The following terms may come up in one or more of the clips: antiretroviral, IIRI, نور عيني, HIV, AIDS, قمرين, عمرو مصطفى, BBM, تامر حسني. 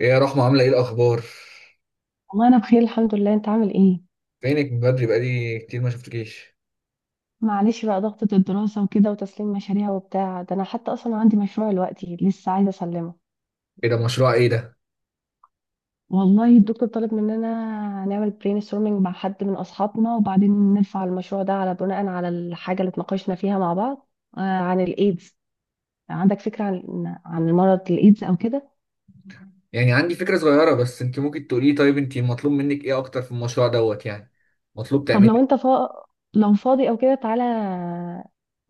ايه يا رحمة، عاملة ايه الأخبار؟ والله انا بخير، الحمد لله. انت عامل ايه؟ فينك من بدري، بقالي كتير ما شفتكيش. معلش بقى، ضغطة الدراسة وكده وتسليم مشاريع وبتاع ده. انا حتى اصلا عندي مشروع دلوقتي لسه عايزة اسلمه. ايه ده مشروع ايه ده؟ والله الدكتور طلب مننا نعمل برين ستورمينج مع حد من اصحابنا، وبعدين نرفع المشروع ده على بناء على الحاجة اللي اتناقشنا فيها مع بعض. عن الايدز. عندك فكرة عن مرض الايدز او كده؟ يعني عندي فكرة صغيرة، بس انت ممكن تقولي، طيب انت مطلوب منك ايه أكتر في المشروع يعني؟ مطلوب طب تعملي لو إيه؟ انت لو فاضي او كده تعالى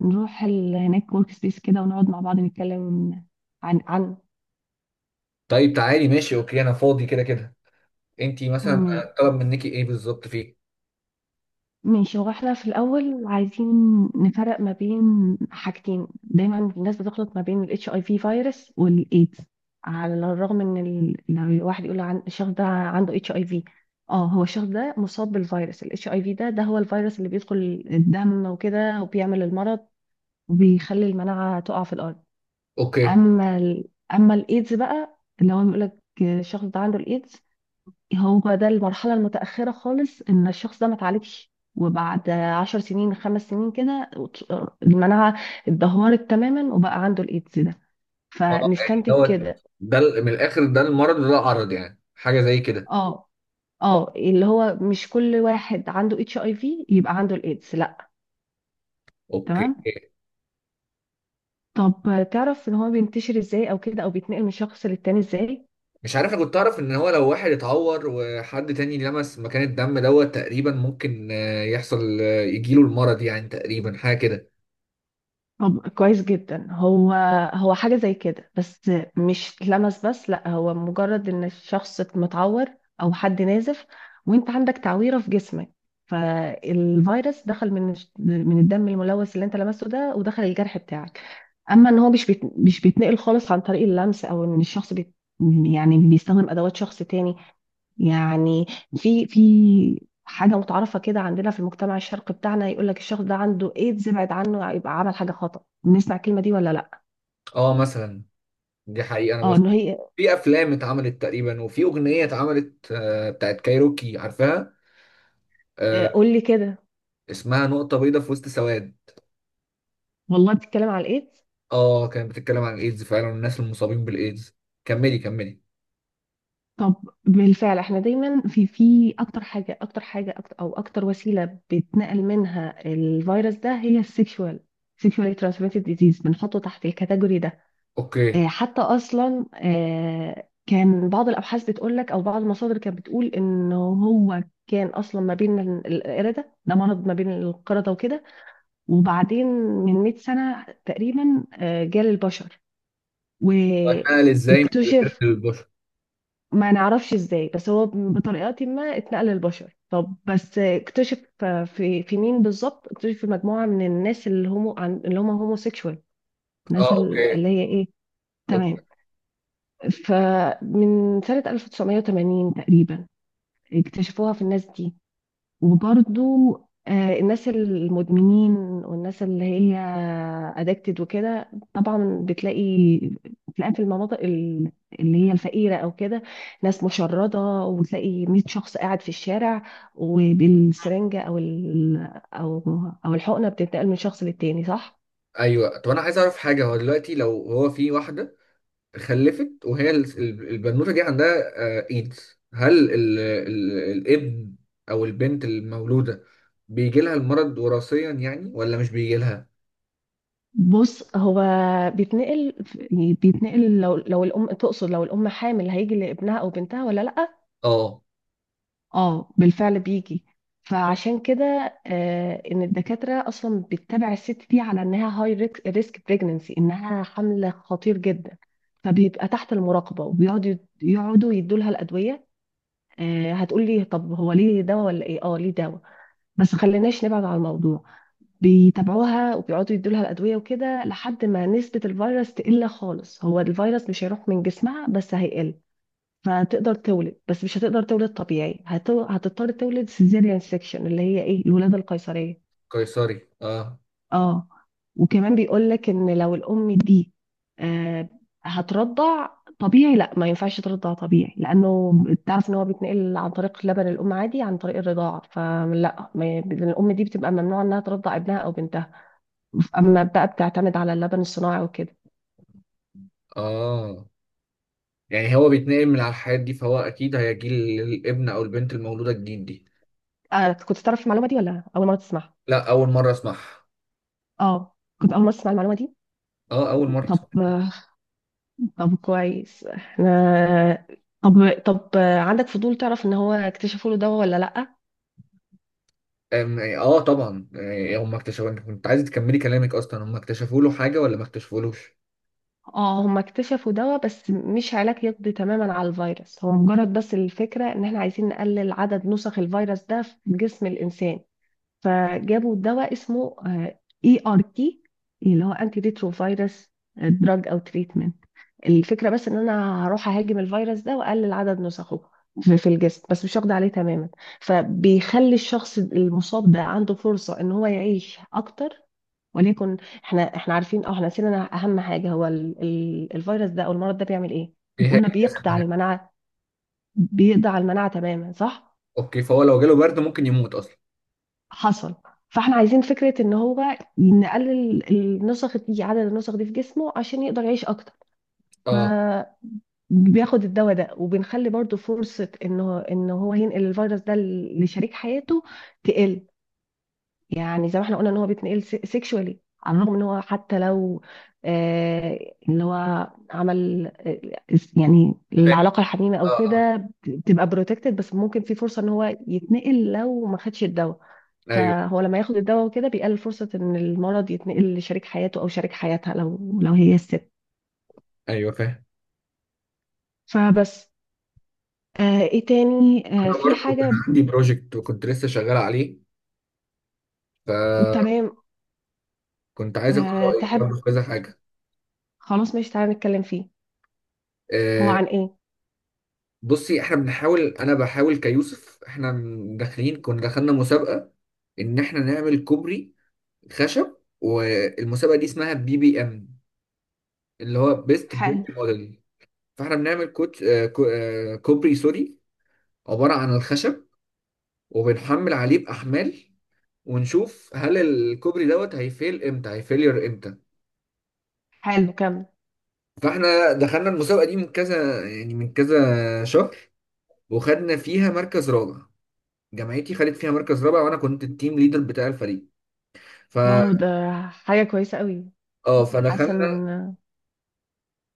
نروح هناك ورك سبيس كده ونقعد مع بعض نتكلم عن عن طيب تعالي، ماشي، اوكي، أنا فاضي كده كده. انت مثلا ماشي. طلب منك ايه بالظبط فيه؟ ماشي، هو احنا في الأول عايزين نفرق ما بين حاجتين. دايما الناس بتخلط ما بين ال HIV فيروس والإيدز. على الرغم إن لو الواحد يقول عن الشخص ده عنده HIV، اه هو الشخص ده مصاب بالفيروس ال HIV ده هو الفيروس اللي بيدخل الدم وكده وبيعمل المرض، وبيخلي المناعة تقع في الأرض. اوكي. أما ال... أما الإيدز بقى اللي هو بيقول لك الشخص ده عنده الإيدز، هو ده المرحلة المتأخرة خالص. إن الشخص ده ما اتعالجش، وبعد عشر سنين خمس سنين كده المناعة اتدهورت تماما وبقى عنده الإيدز ده. اه يعني فنستنتج كده ده من الآخر، ده المرض وده العرض، يعني حاجة زي كده. اه، اه اللي هو مش كل واحد عنده اتش اي في يبقى عنده الإيدز، لا. اوكي. تمام. طب تعرف ان هو بينتشر ازاي او كده، او بيتنقل من شخص للتاني ازاي؟ مش عارف، انا كنت اعرف ان هو لو واحد اتعور وحد تاني لمس مكان الدم تقريبا ممكن يحصل، يجيله المرض، يعني تقريبا حاجه كده. طب كويس جدا. هو حاجة زي كده، بس مش لمس بس، لا هو مجرد ان الشخص متعور او حد نازف، وانت عندك تعويرة في جسمك، فالفيروس دخل من من الدم الملوث اللي انت لمسته ده ودخل الجرح بتاعك. اما ان هو مش بيتنقل خالص عن طريق اللمس، او ان الشخص يعني بيستخدم ادوات شخص تاني. يعني في حاجة متعارفة كده عندنا في المجتمع الشرقي بتاعنا، يقول لك الشخص ده عنده ايدز ابعد عنه يبقى عمل حاجة خطأ. بنسمع الكلمة دي ولا لا؟ اه مثلا، دي حقيقه. انا اه بس، انه هي، في افلام اتعملت تقريبا، وفي اغنيه اتعملت بتاعت كايروكي عارفاها. آه، قول لي كده. اسمها نقطه بيضاء في وسط سواد. والله بتتكلم على الايدز. اه، كانت بتتكلم عن الايدز فعلا، والناس المصابين بالايدز. كملي كملي. طب بالفعل، احنا دايما في اكتر حاجة أكتر، او اكتر وسيلة بيتنقل منها الفيروس ده، هي سيكشوالي ترانسميتد ديزيز. بنحطه تحت الكاتيجوري ده. اوكي. حتى اصلا كان بعض الابحاث بتقول لك، او بعض المصادر كانت بتقول، ان هو كان اصلا ما بين القرده. ده مرض ما بين القرده وكده، وبعدين من 100 سنه تقريبا جال البشر وحال ازاي من القرد واكتشف. للبشر؟ ما نعرفش ازاي، بس هو بطريقه ما اتنقل للبشر. طب بس اكتشف في مين بالظبط؟ اكتشف في مجموعه من الناس، اللي هم هوموسيكشوال. الناس اه اوكي. اللي هي ايه. اوكي. تمام. فمن سنة 1980 تقريبا اكتشفوها في الناس دي. وبرضو الناس المدمنين، والناس اللي هي ادكتد وكده. طبعا بتلاقي في المناطق اللي هي الفقيرة او كده، ناس مشردة، وتلاقي 100 شخص قاعد في الشارع، وبالسرنجة او ال- او او الحقنة بتنتقل من شخص للتاني، صح؟ ايوه، طب انا عايز اعرف حاجه. هو دلوقتي لو هو في واحده خلفت، وهي البنوتة دي عندها ايدز، هل الابن او البنت المولودة بيجي لها المرض وراثيا يعني، ولا مش بيجي لها؟ بص، هو بيتنقل بيتنقل لو الام، تقصد لو الام حامل هيجي لابنها او بنتها ولا لا؟ اه. اه، بالفعل بيجي. فعشان كده ان الدكاتره اصلا بتتابع الست دي على انها هاي ريسك بريجننسي، انها حمل خطير جدا، فبيبقى تحت المراقبه، وبيقعدوا يدوا لها الادويه. هتقول لي طب هو ليه دواء ولا ايه، اه ليه دواء. بس خليناش نبعد عن الموضوع. بيتابعوها وبيقعدوا يدولها الأدوية وكده لحد ما نسبة الفيروس تقل خالص. هو الفيروس مش هيروح من جسمها، بس هيقل. فهتقدر تولد، بس مش هتقدر تولد طبيعي، هتضطر تولد سيزيريان سيكشن، اللي هي ايه، الولادة القيصرية. قيصري اه. اه. وكمان بيقول لك ان لو الأم دي آه هترضع طبيعي، لا ما ينفعش ترضع طبيعي، لانه تعرف ان هو بيتنقل عن طريق لبن الام عادي، عن طريق الرضاعه. فلا، الام دي بتبقى ممنوع انها ترضع ابنها او بنتها، اما بقى بتعتمد على اللبن الصناعي وكده. اه يعني هو بيتنقل من على الحياة دي، فهو اكيد هيجي للابن او البنت المولودة الجديد دي. كنت تعرف المعلومه دي ولا اول مره تسمعها؟ لا، اول مرة اسمعها. اه، كنت اول مره تسمع المعلومه دي. اه، اول مرة طب اسمعها. طب كويس احنا. طب طب عندك فضول تعرف ان هو اكتشفوا له دواء ولا لا؟ طبعا، هم اكتشفوا، انت كنت عايز تكملي كلامك، اصلا هم اكتشفوا له حاجة ولا ما اكتشفولوش؟ اه، هم اكتشفوا دواء، بس مش علاج يقضي تماما على الفيروس. هو مجرد بس الفكره ان احنا عايزين نقلل عدد نسخ الفيروس ده في جسم الانسان. فجابوا دواء اسمه اي ار تي، اللي هو انتي ريترو فيروس دراج او تريتمنت. الفكرة بس ان انا هروح اهاجم الفيروس ده واقلل عدد نسخه في الجسم، بس مش هقضي عليه تماما. فبيخلي الشخص المصاب ده عنده فرصة ان هو يعيش اكتر. وليكن، احنا عارفين، او احنا نسينا اهم حاجة، هو ال الفيروس ده او المرض ده بيعمل ايه؟ ايه هي قلنا الجسم. بيقضي على المناعة، بيقضي على المناعة تماما، صح. اوكي، فهو لو جاله برد ممكن يموت اصلا. حصل. فاحنا عايزين فكرة ان هو نقلل النسخ دي، عدد النسخ دي في جسمه، عشان يقدر يعيش اكتر. اه بياخد الدواء ده، وبنخلي برضو فرصة انه ان هو ينقل الفيروس ده لشريك حياته تقل. يعني زي ما احنا قلنا ان هو بيتنقل سيكشوالي، على الرغم ان هو حتى لو اللي هو عمل، يعني فاهم. العلاقة الحميمة او اه اه. كده بتبقى بروتكتد، بس ممكن في فرصة ان هو يتنقل لو ما خدش الدواء. ايوه. فهو لما ياخد الدواء وكده بيقلل فرصة ان المرض يتنقل لشريك حياته او شريك حياتها، لو هي الست. ايوه فاهم. فبس، ايه تاني، انا في برضه كان حاجة. عندي بروجكت وكنت لسه شغال عليه، فكنت تمام. عايز اخد رايك برضه تحب، في كذا حاجه. خلاص ماشي تعالى نتكلم فيه. هو آه عن ايه؟ بصي، احنا بنحاول، انا بحاول كيوسف، احنا داخلين، كنا دخلنا مسابقه ان احنا نعمل كوبري خشب، والمسابقه دي اسمها BBM، اللي هو بيست بريك حلو. موديل. فاحنا بنعمل كوت آه كو- آه، كوبري، سوري، عباره عن الخشب، وبنحمل عليه باحمال، ونشوف هل الكوبري هيفيل امتى، هيفيلير امتى. حلو، كمل. فاحنا دخلنا المسابقه دي من كذا، يعني من كذا شهر، وخدنا فيها مركز رابع. جامعتي خدت فيها مركز رابع، وانا كنت التيم ليدر بتاع الفريق. ف واو، ده حاجة كويسة قوي. اه حاسة فدخلنا، ان.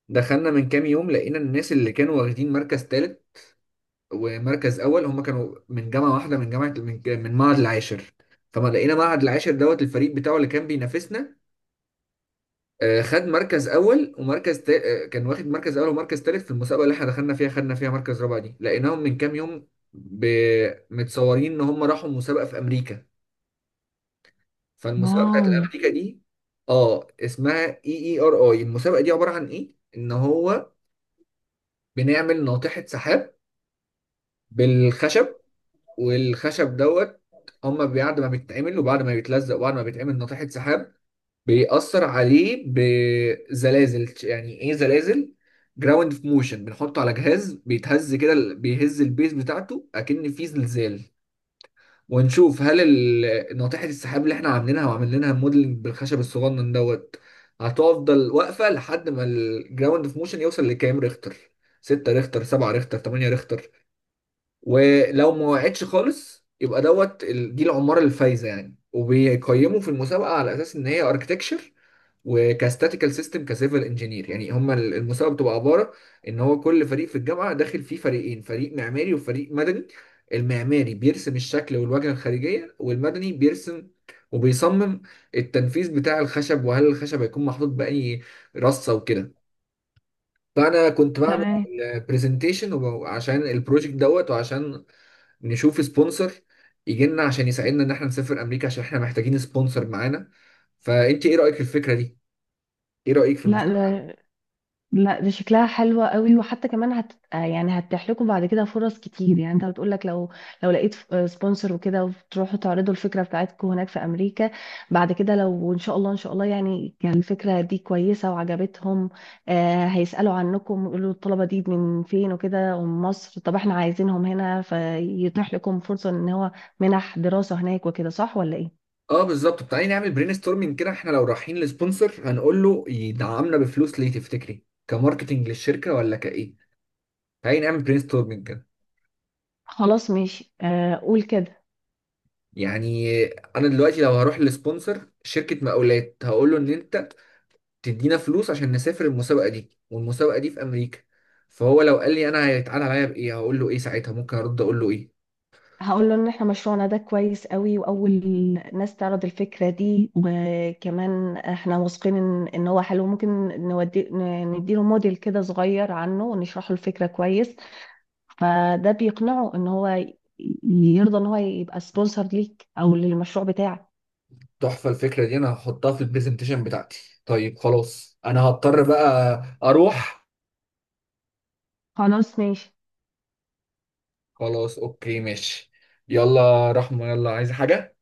دخلنا من كام يوم، لقينا الناس اللي كانوا واخدين مركز ثالث ومركز اول، هم كانوا من جامعه واحده، من جامعه، من معهد العاشر. فما لقينا معهد العاشر الفريق بتاعه اللي كان بينافسنا خد مركز اول، ومركز تا... آه، كان واخد مركز اول ومركز تالت في المسابقه اللي احنا دخلنا فيها، خدنا فيها مركز رابع. دي لقيناهم من كام يوم ب... متصورين ان هم راحوا مسابقه في امريكا. فالمسابقه بتاعت واو. امريكا دي اه اسمها EERI. المسابقه دي عباره عن ايه، ان هو بنعمل ناطحه سحاب بالخشب. والخشب هما بعد ما بيتعمل وبعد ما بيتلزق وبعد ما بيتعمل ناطحه سحاب، بيأثر عليه بزلازل. يعني ايه زلازل؟ جراوند في موشن، بنحطه على جهاز بيتهز كده، بيهز البيز بتاعته اكن في زلزال. ونشوف هل ناطحة السحاب اللي احنا عاملينها وعاملينها موديلنج بالخشب الصغنن هتفضل واقفة لحد ما الجراوند في موشن يوصل لكام ريختر، 6 ريختر، 7 ريختر، 8 ريختر. ولو ما وقعتش خالص، يبقى دي العمارة الفايزة يعني. وبيقيموا في المسابقة على أساس إن هي أركتكشر وكاستاتيكال سيستم كسيفل انجينير. يعني هما المسابقة بتبقى عبارة إن هو كل فريق في الجامعة داخل فيه فريقين، فريق معماري وفريق مدني. المعماري بيرسم الشكل والواجهة الخارجية، والمدني بيرسم وبيصمم التنفيذ بتاع الخشب، وهل الخشب هيكون محطوط بأي رصة وكده. فأنا كنت بعمل تمام. البرزنتيشن عشان البروجكت وعشان نشوف سبونسر يجي لنا عشان يساعدنا ان احنا نسافر امريكا، عشان احنا محتاجين سبونسر معانا. فانت ايه رايك في الفكره دي؟ ايه رايك في لا، المساعده؟ لا، لا، دي شكلها حلوة قوي، وحتى كمان هت آه يعني هتتيح لكم بعد كده فرص كتير. يعني انت بتقول لك لو لقيت سبونسر وكده، وتروحوا تعرضوا الفكرة بتاعتكم هناك في امريكا، بعد كده لو ان شاء الله، ان شاء الله يعني كان الفكرة دي كويسة وعجبتهم، هيسألوا عنكم، يقولوا الطلبة دي من فين وكده، ومن مصر، طب احنا عايزينهم هنا، فيتيح لكم فرصة ان هو منح دراسة هناك وكده، صح ولا ايه؟ اه بالظبط. تعالي نعمل برين ستورمنج كده. احنا لو رايحين لسبونسر هنقول له يدعمنا بفلوس، ليه تفتكري؟ كماركتنج للشركه، ولا كايه؟ تعالي نعمل برين ستورمنج كده. خلاص ماشي. قول كده. يعني انا دلوقتي لو هروح لسبونسر شركه مقاولات، هقول له ان انت تدينا فلوس عشان نسافر المسابقه دي، والمسابقه دي في امريكا. فهو لو قال لي انا هيتعاد عليا بايه، هقول له ايه ساعتها؟ ممكن ارد اقول له ايه؟ هقول له ان احنا مشروعنا ده كويس قوي، واول ناس تعرض الفكره دي، وكمان احنا واثقين ان هو حلو. ممكن نودي، نديله موديل كده صغير عنه ونشرح له الفكره كويس، فده بيقنعه ان هو يرضى ان هو يبقى سبونسر ليك او للمشروع بتاعك. تحفة الفكرة دي، أنا هحطها في البرزنتيشن بتاعتي. طيب خلاص أنا هضطر بقى أروح. خلاص ماشي. خلاص أوكي ماشي. يلا رحمة يلا، عايز حاجة؟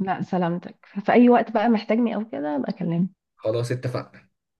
لا سلامتك، في اي وقت بقى محتاجني او كده ابقى اكلمك. خلاص اتفقنا.